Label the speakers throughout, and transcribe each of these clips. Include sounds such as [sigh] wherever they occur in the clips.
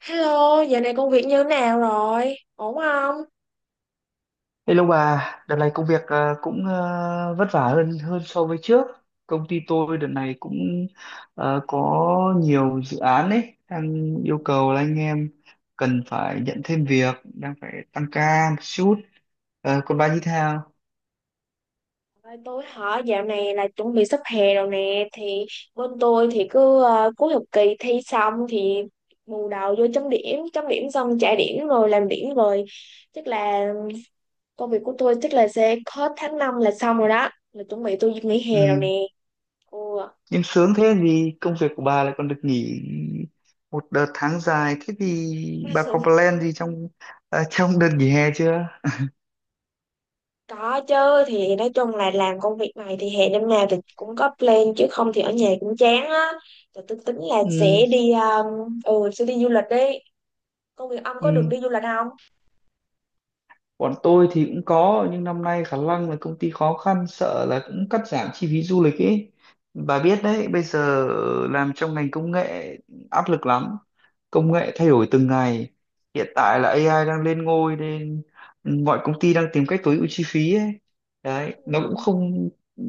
Speaker 1: Hello, giờ này công việc như thế nào rồi? Ổn không?
Speaker 2: Hello bà, đợt này công việc cũng vất vả hơn hơn so với trước. Công ty tôi đợt này cũng có nhiều dự án ấy, đang yêu cầu là anh em cần phải nhận thêm việc, đang phải tăng ca một chút. Còn bà như thế nào?
Speaker 1: Ơi, tôi hỏi dạo này là chuẩn bị sắp hè rồi nè thì bên tôi thì cứ cuối học kỳ thi xong thì bù đầu vô chấm điểm xong trả điểm rồi làm điểm rồi. Chắc là công việc của tôi chắc là sẽ hết tháng 5 là xong rồi đó. Là chuẩn bị tôi nghỉ hè rồi
Speaker 2: Ừ.
Speaker 1: nè.
Speaker 2: Em sướng thế vì công việc của bà lại còn được nghỉ một đợt tháng dài. Thế thì bà có
Speaker 1: Ừ.
Speaker 2: plan gì [laughs] trong đợt nghỉ hè chưa?
Speaker 1: Có chứ, thì nói chung là làm công việc này thì hè năm nào thì cũng có plan, chứ không thì ở nhà cũng chán á. Rồi tôi tính là sẽ
Speaker 2: Ừ.
Speaker 1: đi sẽ đi du lịch đi. Công việc ông có được
Speaker 2: Ừ.
Speaker 1: đi du lịch không?
Speaker 2: Bọn tôi thì cũng có, nhưng năm nay khả năng là công ty khó khăn, sợ là cũng cắt giảm chi phí du lịch ấy. Bà biết đấy, bây giờ làm trong ngành công nghệ áp lực lắm. Công nghệ thay đổi từng ngày. Hiện tại là AI đang lên ngôi, nên mọi công ty đang tìm cách tối ưu chi phí ấy. Đấy, nó cũng không ừ,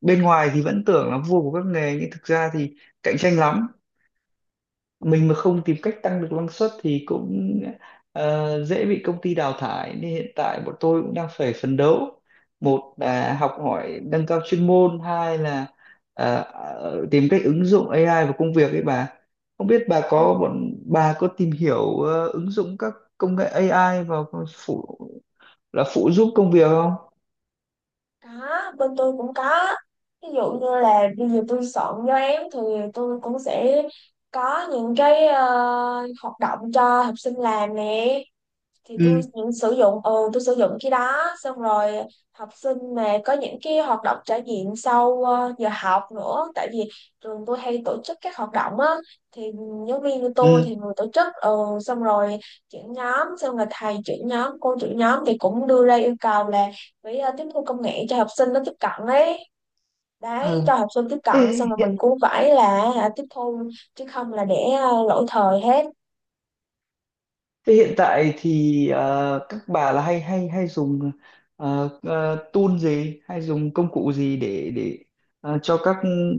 Speaker 2: bên ngoài thì vẫn tưởng là vua của các nghề, nhưng thực ra thì cạnh tranh lắm. Mình mà không tìm cách tăng được năng suất thì cũng dễ bị công ty đào thải, nên hiện tại bọn tôi cũng đang phải phấn đấu, một là học hỏi nâng cao chuyên môn, hai là tìm cách ứng dụng AI vào công việc ấy. Bà, không biết bà
Speaker 1: Ừ.
Speaker 2: có bọn bà có tìm hiểu ứng dụng các công nghệ AI vào phụ phụ giúp công việc không?
Speaker 1: Có, bên tôi cũng có. Ví dụ như là bây giờ tôi soạn cho em thì tôi cũng sẽ có những cái hoạt động cho học sinh làm nè. Thì tôi
Speaker 2: Ừ.
Speaker 1: những sử dụng tôi sử dụng cái đó xong rồi. Học sinh mà có những cái hoạt động trải nghiệm sau giờ học nữa, tại vì trường tôi hay tổ chức các hoạt động á, thì giáo viên của tôi thì
Speaker 2: Ừ,
Speaker 1: người tổ chức, xong rồi trưởng nhóm, xong rồi thầy trưởng nhóm cô trưởng nhóm thì cũng đưa ra yêu cầu là phải tiếp thu công nghệ cho học sinh nó tiếp cận ấy. Đấy,
Speaker 2: ừ.
Speaker 1: cho học sinh tiếp cận xong
Speaker 2: thế
Speaker 1: rồi mình cũng phải là tiếp thu, chứ không là để lỗi thời hết.
Speaker 2: Thế hiện tại thì các bà là hay hay hay dùng tool gì, hay dùng công cụ gì để cho các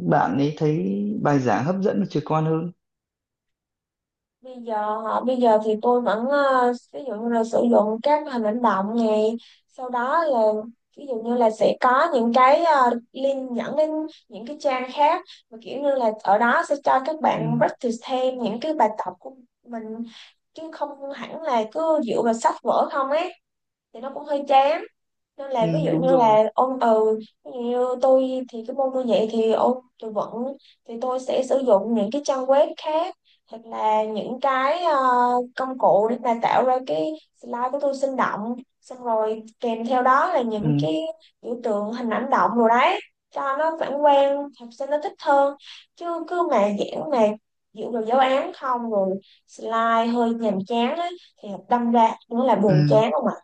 Speaker 2: bạn ấy thấy bài giảng hấp dẫn và trực quan hơn?
Speaker 1: Bây giờ hả? Bây giờ thì tôi vẫn ví dụ như là sử dụng các hình ảnh động này, sau đó là ví dụ như là sẽ có những cái link dẫn đến những cái trang khác mà kiểu như là ở đó sẽ cho các
Speaker 2: Ừ,
Speaker 1: bạn practice thêm những cái bài tập của mình, chứ không hẳn là cứ dựa vào sách vở không ấy thì nó cũng hơi chán. Nên
Speaker 2: ừ,
Speaker 1: là ví dụ
Speaker 2: đúng
Speaker 1: như
Speaker 2: rồi.
Speaker 1: là ôn từ, ví dụ như tôi thì cái môn tôi dạy thì ôn tôi vẫn, thì tôi sẽ sử dụng những cái trang web khác hoặc là những cái công cụ để mà tạo ra cái slide của tôi sinh động, xong rồi kèm theo đó là
Speaker 2: Ừ,
Speaker 1: những cái biểu tượng hình ảnh động rồi đấy cho nó phản quang, học sinh nó thích hơn. Chứ cứ mà giảng mà dựa vào giáo án không rồi slide hơi nhàm chán á, thì đâm ra cũng là buồn
Speaker 2: ừ.
Speaker 1: chán không ạ.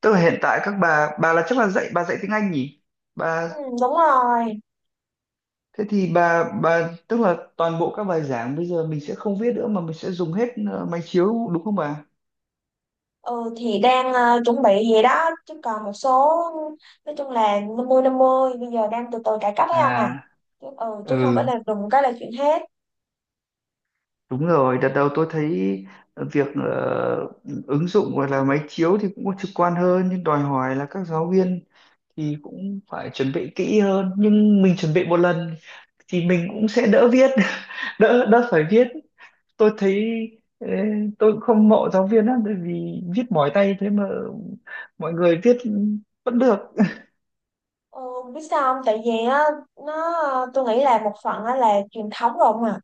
Speaker 2: Tức là hiện tại các bà là chắc là bà dạy tiếng Anh nhỉ? Bà,
Speaker 1: Ừ, đúng rồi.
Speaker 2: thế thì bà tức là toàn bộ các bài giảng bây giờ mình sẽ không viết nữa, mà mình sẽ dùng hết máy chiếu, đúng không bà?
Speaker 1: Ừ, thì đang chuẩn bị vậy đó, chứ còn một số, nói chung là 50/50, bây giờ đang từ từ cải cách ấy ông à.
Speaker 2: À,
Speaker 1: Chứ không phải
Speaker 2: ừ.
Speaker 1: là đùng cái là chuyện hết.
Speaker 2: Đúng rồi, đợt đầu tôi thấy việc ứng dụng, gọi là máy chiếu, thì cũng có trực quan hơn, nhưng đòi hỏi là các giáo viên thì cũng phải chuẩn bị kỹ hơn. Nhưng mình chuẩn bị một lần thì mình cũng sẽ đỡ viết [laughs] đỡ đỡ phải viết. Tôi thấy, ê, tôi cũng không mộ giáo viên lắm, bởi vì viết mỏi tay thế mà mọi người viết vẫn được.
Speaker 1: ừ, Biết sao không, tại vì á, nó, tôi nghĩ là một phần á là truyền thống rồi ông à.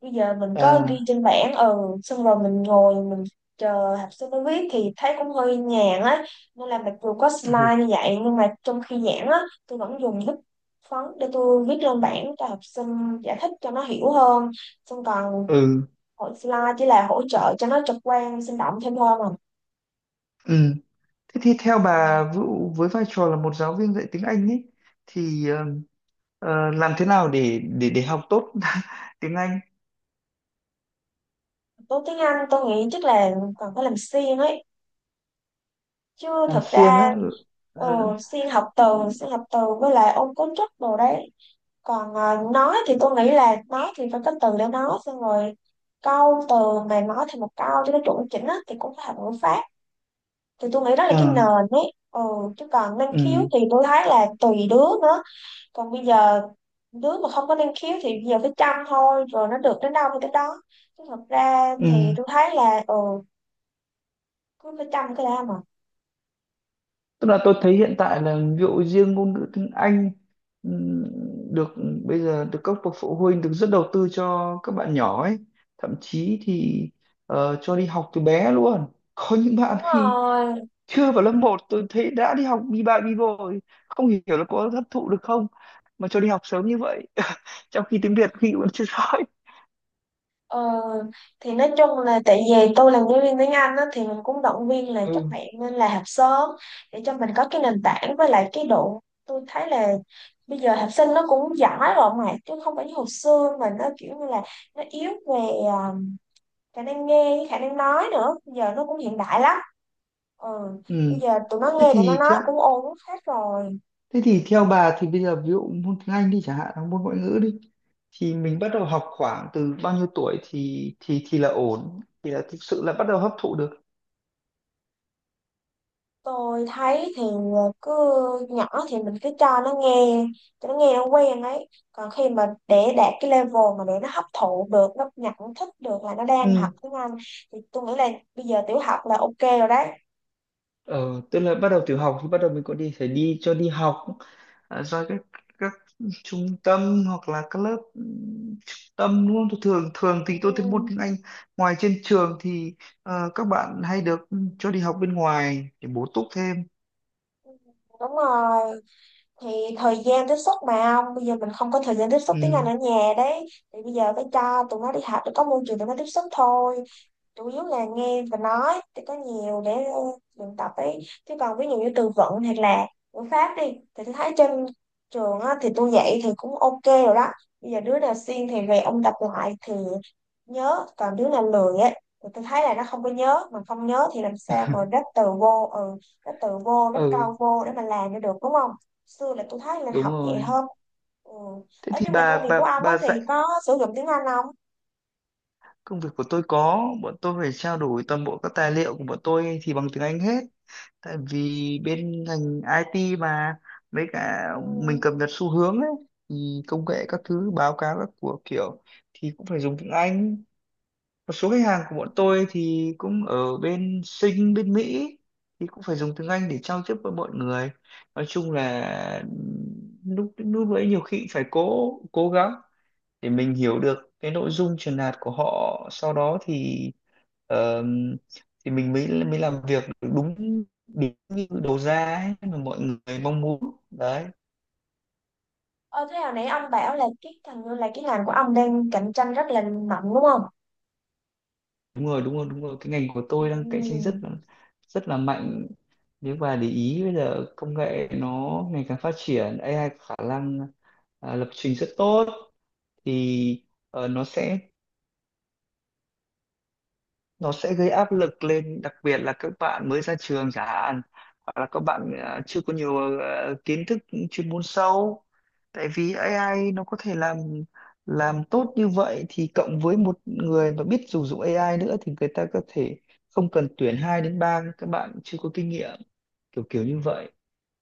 Speaker 1: Bây giờ mình có ghi
Speaker 2: À.
Speaker 1: trên bảng, xong rồi mình ngồi mình chờ học sinh nó viết thì thấy cũng hơi nhàn á. Nên là mặc dù có
Speaker 2: Ừ.
Speaker 1: slide như vậy nhưng mà trong khi giảng á, tôi vẫn dùng bút phấn để tôi viết lên bảng cho học sinh, giải thích cho nó hiểu hơn, xong còn
Speaker 2: Ừ,
Speaker 1: hội slide chỉ là hỗ trợ cho nó trực quan sinh động thêm thôi mà.
Speaker 2: ừ. Thế thì theo
Speaker 1: Ừ.
Speaker 2: bà Vũ, với vai trò là một giáo viên dạy tiếng Anh ấy, thì làm thế nào để học tốt [laughs] tiếng Anh?
Speaker 1: Tố tiếng Anh tôi nghĩ chắc là còn phải làm xuyên ấy, chứ
Speaker 2: Làm
Speaker 1: thật
Speaker 2: siêng
Speaker 1: ra
Speaker 2: á.
Speaker 1: ừ,
Speaker 2: Ờ,
Speaker 1: xuyên học từ, xuyên học từ với lại ôn cấu trúc đồ đấy. Còn nói thì tôi nghĩ là nói thì phải có từ để nói, xong rồi câu từ mà nói thành một câu cho nó chuẩn chỉnh á thì cũng phải học ngữ pháp. Thì tôi nghĩ đó là
Speaker 2: ờ,
Speaker 1: cái nền ấy, chứ còn năng khiếu
Speaker 2: ừ,
Speaker 1: thì tôi thấy là tùy đứa nữa. Còn bây giờ đứa mà không có năng khiếu thì bây giờ phải chăm thôi, rồi nó được đến đâu thì đến đó. Chứ thật ra thì
Speaker 2: ừ.
Speaker 1: tôi thấy là, cứ phải chăm cái đã mà.
Speaker 2: Tức là tôi thấy hiện tại là ví dụ riêng ngôn ngữ tiếng Anh, ừ, được bây giờ được các bậc phụ huynh rất đầu tư cho các bạn nhỏ ấy. Thậm chí thì cho đi học từ bé luôn. [laughs] Có những bạn
Speaker 1: Đúng
Speaker 2: khi
Speaker 1: rồi.
Speaker 2: chưa vào lớp một tôi thấy đã đi học bi ba bi bô rồi, không hiểu là có hấp thụ được không mà cho đi học sớm như vậy. [laughs] Trong khi tiếng Việt khi vẫn chưa rõ.
Speaker 1: Ờ, thì nói chung là tại vì tôi làm giáo viên tiếng Anh á, thì mình cũng động viên là các
Speaker 2: Ừ.
Speaker 1: bạn nên là học sớm để cho mình có cái nền tảng, với lại cái độ tôi thấy là bây giờ học sinh nó cũng giỏi rồi mà, chứ không phải như hồi xưa mà nó kiểu như là nó yếu về à, khả năng nghe với khả năng nói nữa. Bây giờ nó cũng hiện đại lắm. Ừ.
Speaker 2: Ừ.
Speaker 1: Bây giờ tụi nó
Speaker 2: Thế
Speaker 1: nghe tụi nó
Speaker 2: thì
Speaker 1: nói
Speaker 2: theo
Speaker 1: cũng ổn hết rồi.
Speaker 2: thế thì theo bà thì bây giờ ví dụ môn tiếng Anh đi chẳng hạn, hoặc môn ngoại ngữ đi, thì mình bắt đầu học khoảng từ bao nhiêu tuổi thì là ổn, thì là thực sự là bắt đầu hấp thụ được?
Speaker 1: Tôi thấy thì cứ nhỏ thì mình cứ cho nó nghe, cho nó nghe nó quen ấy. Còn khi mà để đạt cái level mà để nó hấp thụ được, nó nhận thức được là nó đang học
Speaker 2: Ừ.
Speaker 1: tiếng Anh thì tôi nghĩ là bây giờ tiểu học là ok rồi đấy.
Speaker 2: ờ, Tức là bắt đầu tiểu học thì bắt đầu mình có đi phải đi cho đi học, à, do các trung tâm hoặc là các lớp, trung tâm, đúng không? Tôi thường thường thì tôi thấy môn
Speaker 1: Ừ,
Speaker 2: tiếng Anh ngoài trên trường thì các bạn hay được cho đi học bên ngoài để bổ túc thêm.
Speaker 1: đúng rồi. Thì thời gian tiếp xúc mà ông, bây giờ mình không có thời gian tiếp xúc tiếng Anh
Speaker 2: Ừ.
Speaker 1: ở nhà đấy, thì bây giờ phải cho tụi nó đi học để có môi trường tụi nó tiếp xúc thôi. Chủ yếu là nghe và nói thì có nhiều để luyện tập ấy. Chứ còn ví dụ như từ vựng hoặc là ngữ pháp đi thì tôi thấy trên trường á, thì tôi dạy thì cũng ok rồi đó. Bây giờ đứa nào siêng thì về ông tập lại thì nhớ, còn đứa nào lười ấy thì tôi thấy là nó không có nhớ. Mà không nhớ thì làm sao mà ráp từ vô, ráp từ vô ráp
Speaker 2: Ừ,
Speaker 1: câu vô để mà làm cho được, đúng không? Xưa là tôi thấy là
Speaker 2: đúng
Speaker 1: học vậy
Speaker 2: rồi.
Speaker 1: hơn. Ừ.
Speaker 2: Thế
Speaker 1: Ở
Speaker 2: thì
Speaker 1: nhưng mà công
Speaker 2: bà
Speaker 1: việc
Speaker 2: bà
Speaker 1: của ông á
Speaker 2: bà
Speaker 1: thì
Speaker 2: dạy.
Speaker 1: có sử dụng tiếng Anh không?
Speaker 2: Công việc của tôi có, bọn tôi phải trao đổi toàn bộ các tài liệu của bọn tôi thì bằng tiếng Anh hết, tại vì bên ngành IT mà. Với cả
Speaker 1: Ừ.
Speaker 2: mình cập nhật xu hướng ấy, thì công nghệ các thứ, báo cáo các của kiểu, thì cũng phải dùng tiếng Anh. Một số khách hàng của bọn tôi thì cũng ở bên Sinh, bên Mỹ, thì cũng phải dùng tiếng Anh để giao tiếp với mọi người. Nói chung là lúc lúc đấy nhiều khi phải cố cố gắng để mình hiểu được cái nội dung truyền đạt của họ, sau đó ờm, thì mình mới mới làm việc được đúng đúng như đầu ra ấy mà mọi người mong muốn đấy.
Speaker 1: Ờ, thế hồi nãy ông bảo là cái thằng là cái ngành của ông đang cạnh tranh rất là mạnh đúng không?
Speaker 2: Đúng rồi, đúng rồi, đúng rồi, cái ngành của tôi đang cạnh tranh
Speaker 1: Ừ.
Speaker 2: rất là mạnh. Nếu bà để ý bây giờ công nghệ nó ngày càng phát triển, AI có khả năng, lập trình rất tốt. Thì ờ, nó sẽ nó sẽ gây áp lực lên, đặc biệt là các bạn mới ra trường chẳng hạn, hoặc là các bạn chưa có nhiều kiến thức chuyên môn sâu, tại vì AI nó có thể làm tốt như vậy, thì cộng với một người mà biết sử dụng AI nữa thì người ta có thể không cần tuyển 2 đến 3 các bạn chưa có kinh nghiệm, kiểu kiểu như vậy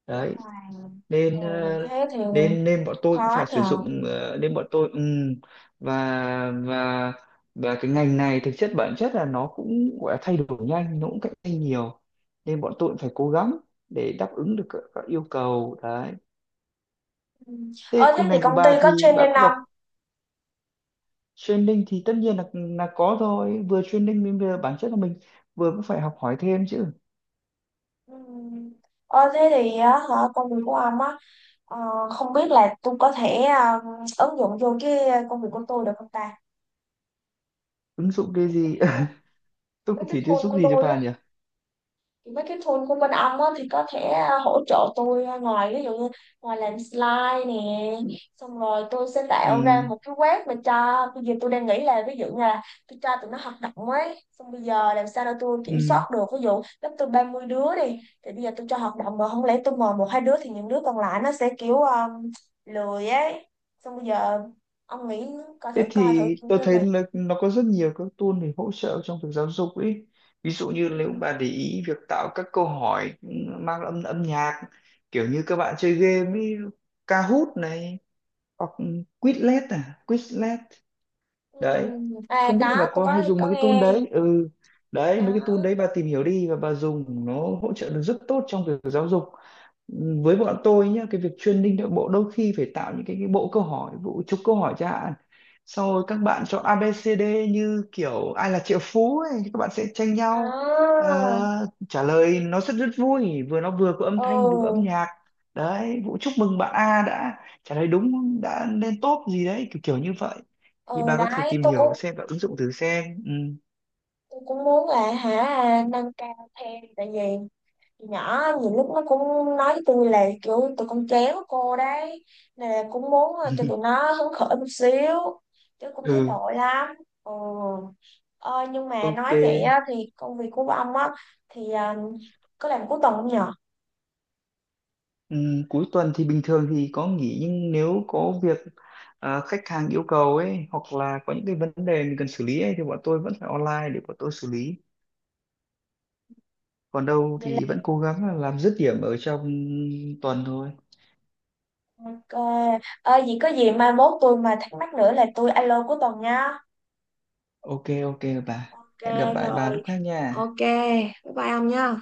Speaker 2: đấy.
Speaker 1: Wow.
Speaker 2: Nên ờ,
Speaker 1: Ừ, thế thì
Speaker 2: nên nên bọn tôi cũng
Speaker 1: khó
Speaker 2: phải sử
Speaker 1: nhờ.
Speaker 2: dụng, nên bọn tôi và và cái ngành này thực chất, bản chất là nó cũng gọi là thay đổi nhanh, nó cũng cạnh tranh nhiều, nên bọn tôi cũng phải cố gắng để đáp ứng được các yêu cầu đấy.
Speaker 1: Ừ.
Speaker 2: Thế
Speaker 1: Ờ, thế
Speaker 2: còn
Speaker 1: thì
Speaker 2: ngành của
Speaker 1: công ty
Speaker 2: bà
Speaker 1: có
Speaker 2: thì bà
Speaker 1: training
Speaker 2: có
Speaker 1: không?
Speaker 2: gặp. Training thì tất nhiên là có thôi, vừa training nên vừa bản chất là mình vừa cũng phải học hỏi thêm chứ.
Speaker 1: Ừ. Ờ, thế thì á, hả, công việc của ông á, ờ, không biết là tôi có thể ứng dụng vô cái công việc của tôi được không ta?
Speaker 2: Ứng dụng cái gì? [laughs] Tôi
Speaker 1: Mấy
Speaker 2: có
Speaker 1: cái
Speaker 2: thể
Speaker 1: tool
Speaker 2: giúp
Speaker 1: của
Speaker 2: gì cho
Speaker 1: tôi
Speaker 2: bà
Speaker 1: á,
Speaker 2: nhỉ?
Speaker 1: mấy cái tool của bên ông á, thì có thể hỗ trợ tôi, ngoài ví dụ như ngoài làm slide nè, xong rồi tôi sẽ tạo ra
Speaker 2: Ừ.
Speaker 1: một cái web mà cho, bây giờ tôi đang nghĩ là ví dụ như là tôi cho tụi nó hoạt động ấy, xong bây giờ làm sao để tôi kiểm
Speaker 2: Ừ.
Speaker 1: soát được. Ví dụ lớp tôi 30 đứa đi, thì bây giờ tôi cho hoạt động mà không lẽ tôi mời một hai đứa thì những đứa còn lại nó sẽ kiểu lười ấy. Xong bây giờ ông nghĩ coi
Speaker 2: Thế
Speaker 1: thử, coi thử
Speaker 2: thì
Speaker 1: kiểu
Speaker 2: tôi
Speaker 1: như
Speaker 2: thấy
Speaker 1: là.
Speaker 2: là nó có rất nhiều các tool để hỗ trợ trong việc giáo dục ấy. Ví dụ như nếu
Speaker 1: Ừ,
Speaker 2: bà để ý việc tạo các câu hỏi mang âm âm nhạc, kiểu như các bạn chơi game ấy, Kahoot này, hoặc Quizlet, à, Quizlet
Speaker 1: ừ.
Speaker 2: đấy.
Speaker 1: À
Speaker 2: Không biết là
Speaker 1: có,
Speaker 2: bà
Speaker 1: tôi
Speaker 2: có hay dùng
Speaker 1: có
Speaker 2: mấy cái tool
Speaker 1: nghe.
Speaker 2: đấy. Ừ. Đấy, mấy cái tool
Speaker 1: Có.
Speaker 2: đấy bà tìm hiểu đi, và bà dùng nó hỗ trợ được rất tốt trong việc giáo dục. Với bọn tôi nhá, cái việc training nội bộ đôi khi phải tạo những cái bộ câu hỏi, bộ chục câu hỏi chẳng hạn, sau rồi các bạn chọn ABCD, như kiểu ai là triệu phú ấy, các bạn sẽ tranh nhau
Speaker 1: À,
Speaker 2: trả lời, nó rất rất vui, vừa nó vừa có âm thanh vừa có âm
Speaker 1: ừ,
Speaker 2: nhạc đấy. Vũ chúc mừng bạn A đã trả lời đúng, đã lên top gì đấy, kiểu kiểu như vậy.
Speaker 1: ừ
Speaker 2: Thì bà có thể
Speaker 1: đấy,
Speaker 2: tìm
Speaker 1: tôi
Speaker 2: hiểu
Speaker 1: cũng,
Speaker 2: xem và ứng dụng thử xem. Ừ.
Speaker 1: tôi cũng muốn là, hả, nâng cao thêm, tại vì từ nhỏ nhiều lúc nó cũng nói với tôi là kiểu tụi con chéo cô đấy, nên là cũng muốn cho tụi
Speaker 2: [laughs]
Speaker 1: nó hứng khởi một xíu, chứ cũng thấy
Speaker 2: Ừ.
Speaker 1: tội lắm. Ừ. ờ, nhưng mà
Speaker 2: Ok.
Speaker 1: nói vậy á, thì công việc của ông á thì có làm cuối tuần không nhở?
Speaker 2: Cuối tuần thì bình thường thì có nghỉ, nhưng nếu có việc, à, khách hàng yêu cầu ấy, hoặc là có những cái vấn đề mình cần xử lý ấy, thì bọn tôi vẫn phải online để bọn tôi xử lý. Còn đâu
Speaker 1: Vậy là
Speaker 2: thì vẫn cố gắng là làm dứt điểm ở trong tuần thôi.
Speaker 1: ok. Ờ, vậy có gì mai mốt tôi mà thắc mắc nữa là tôi alo cuối tuần nha.
Speaker 2: Ok, ok bà.
Speaker 1: Ok
Speaker 2: Hẹn gặp lại bà
Speaker 1: rồi.
Speaker 2: lúc khác nha.
Speaker 1: Ok, bye bye ông nha.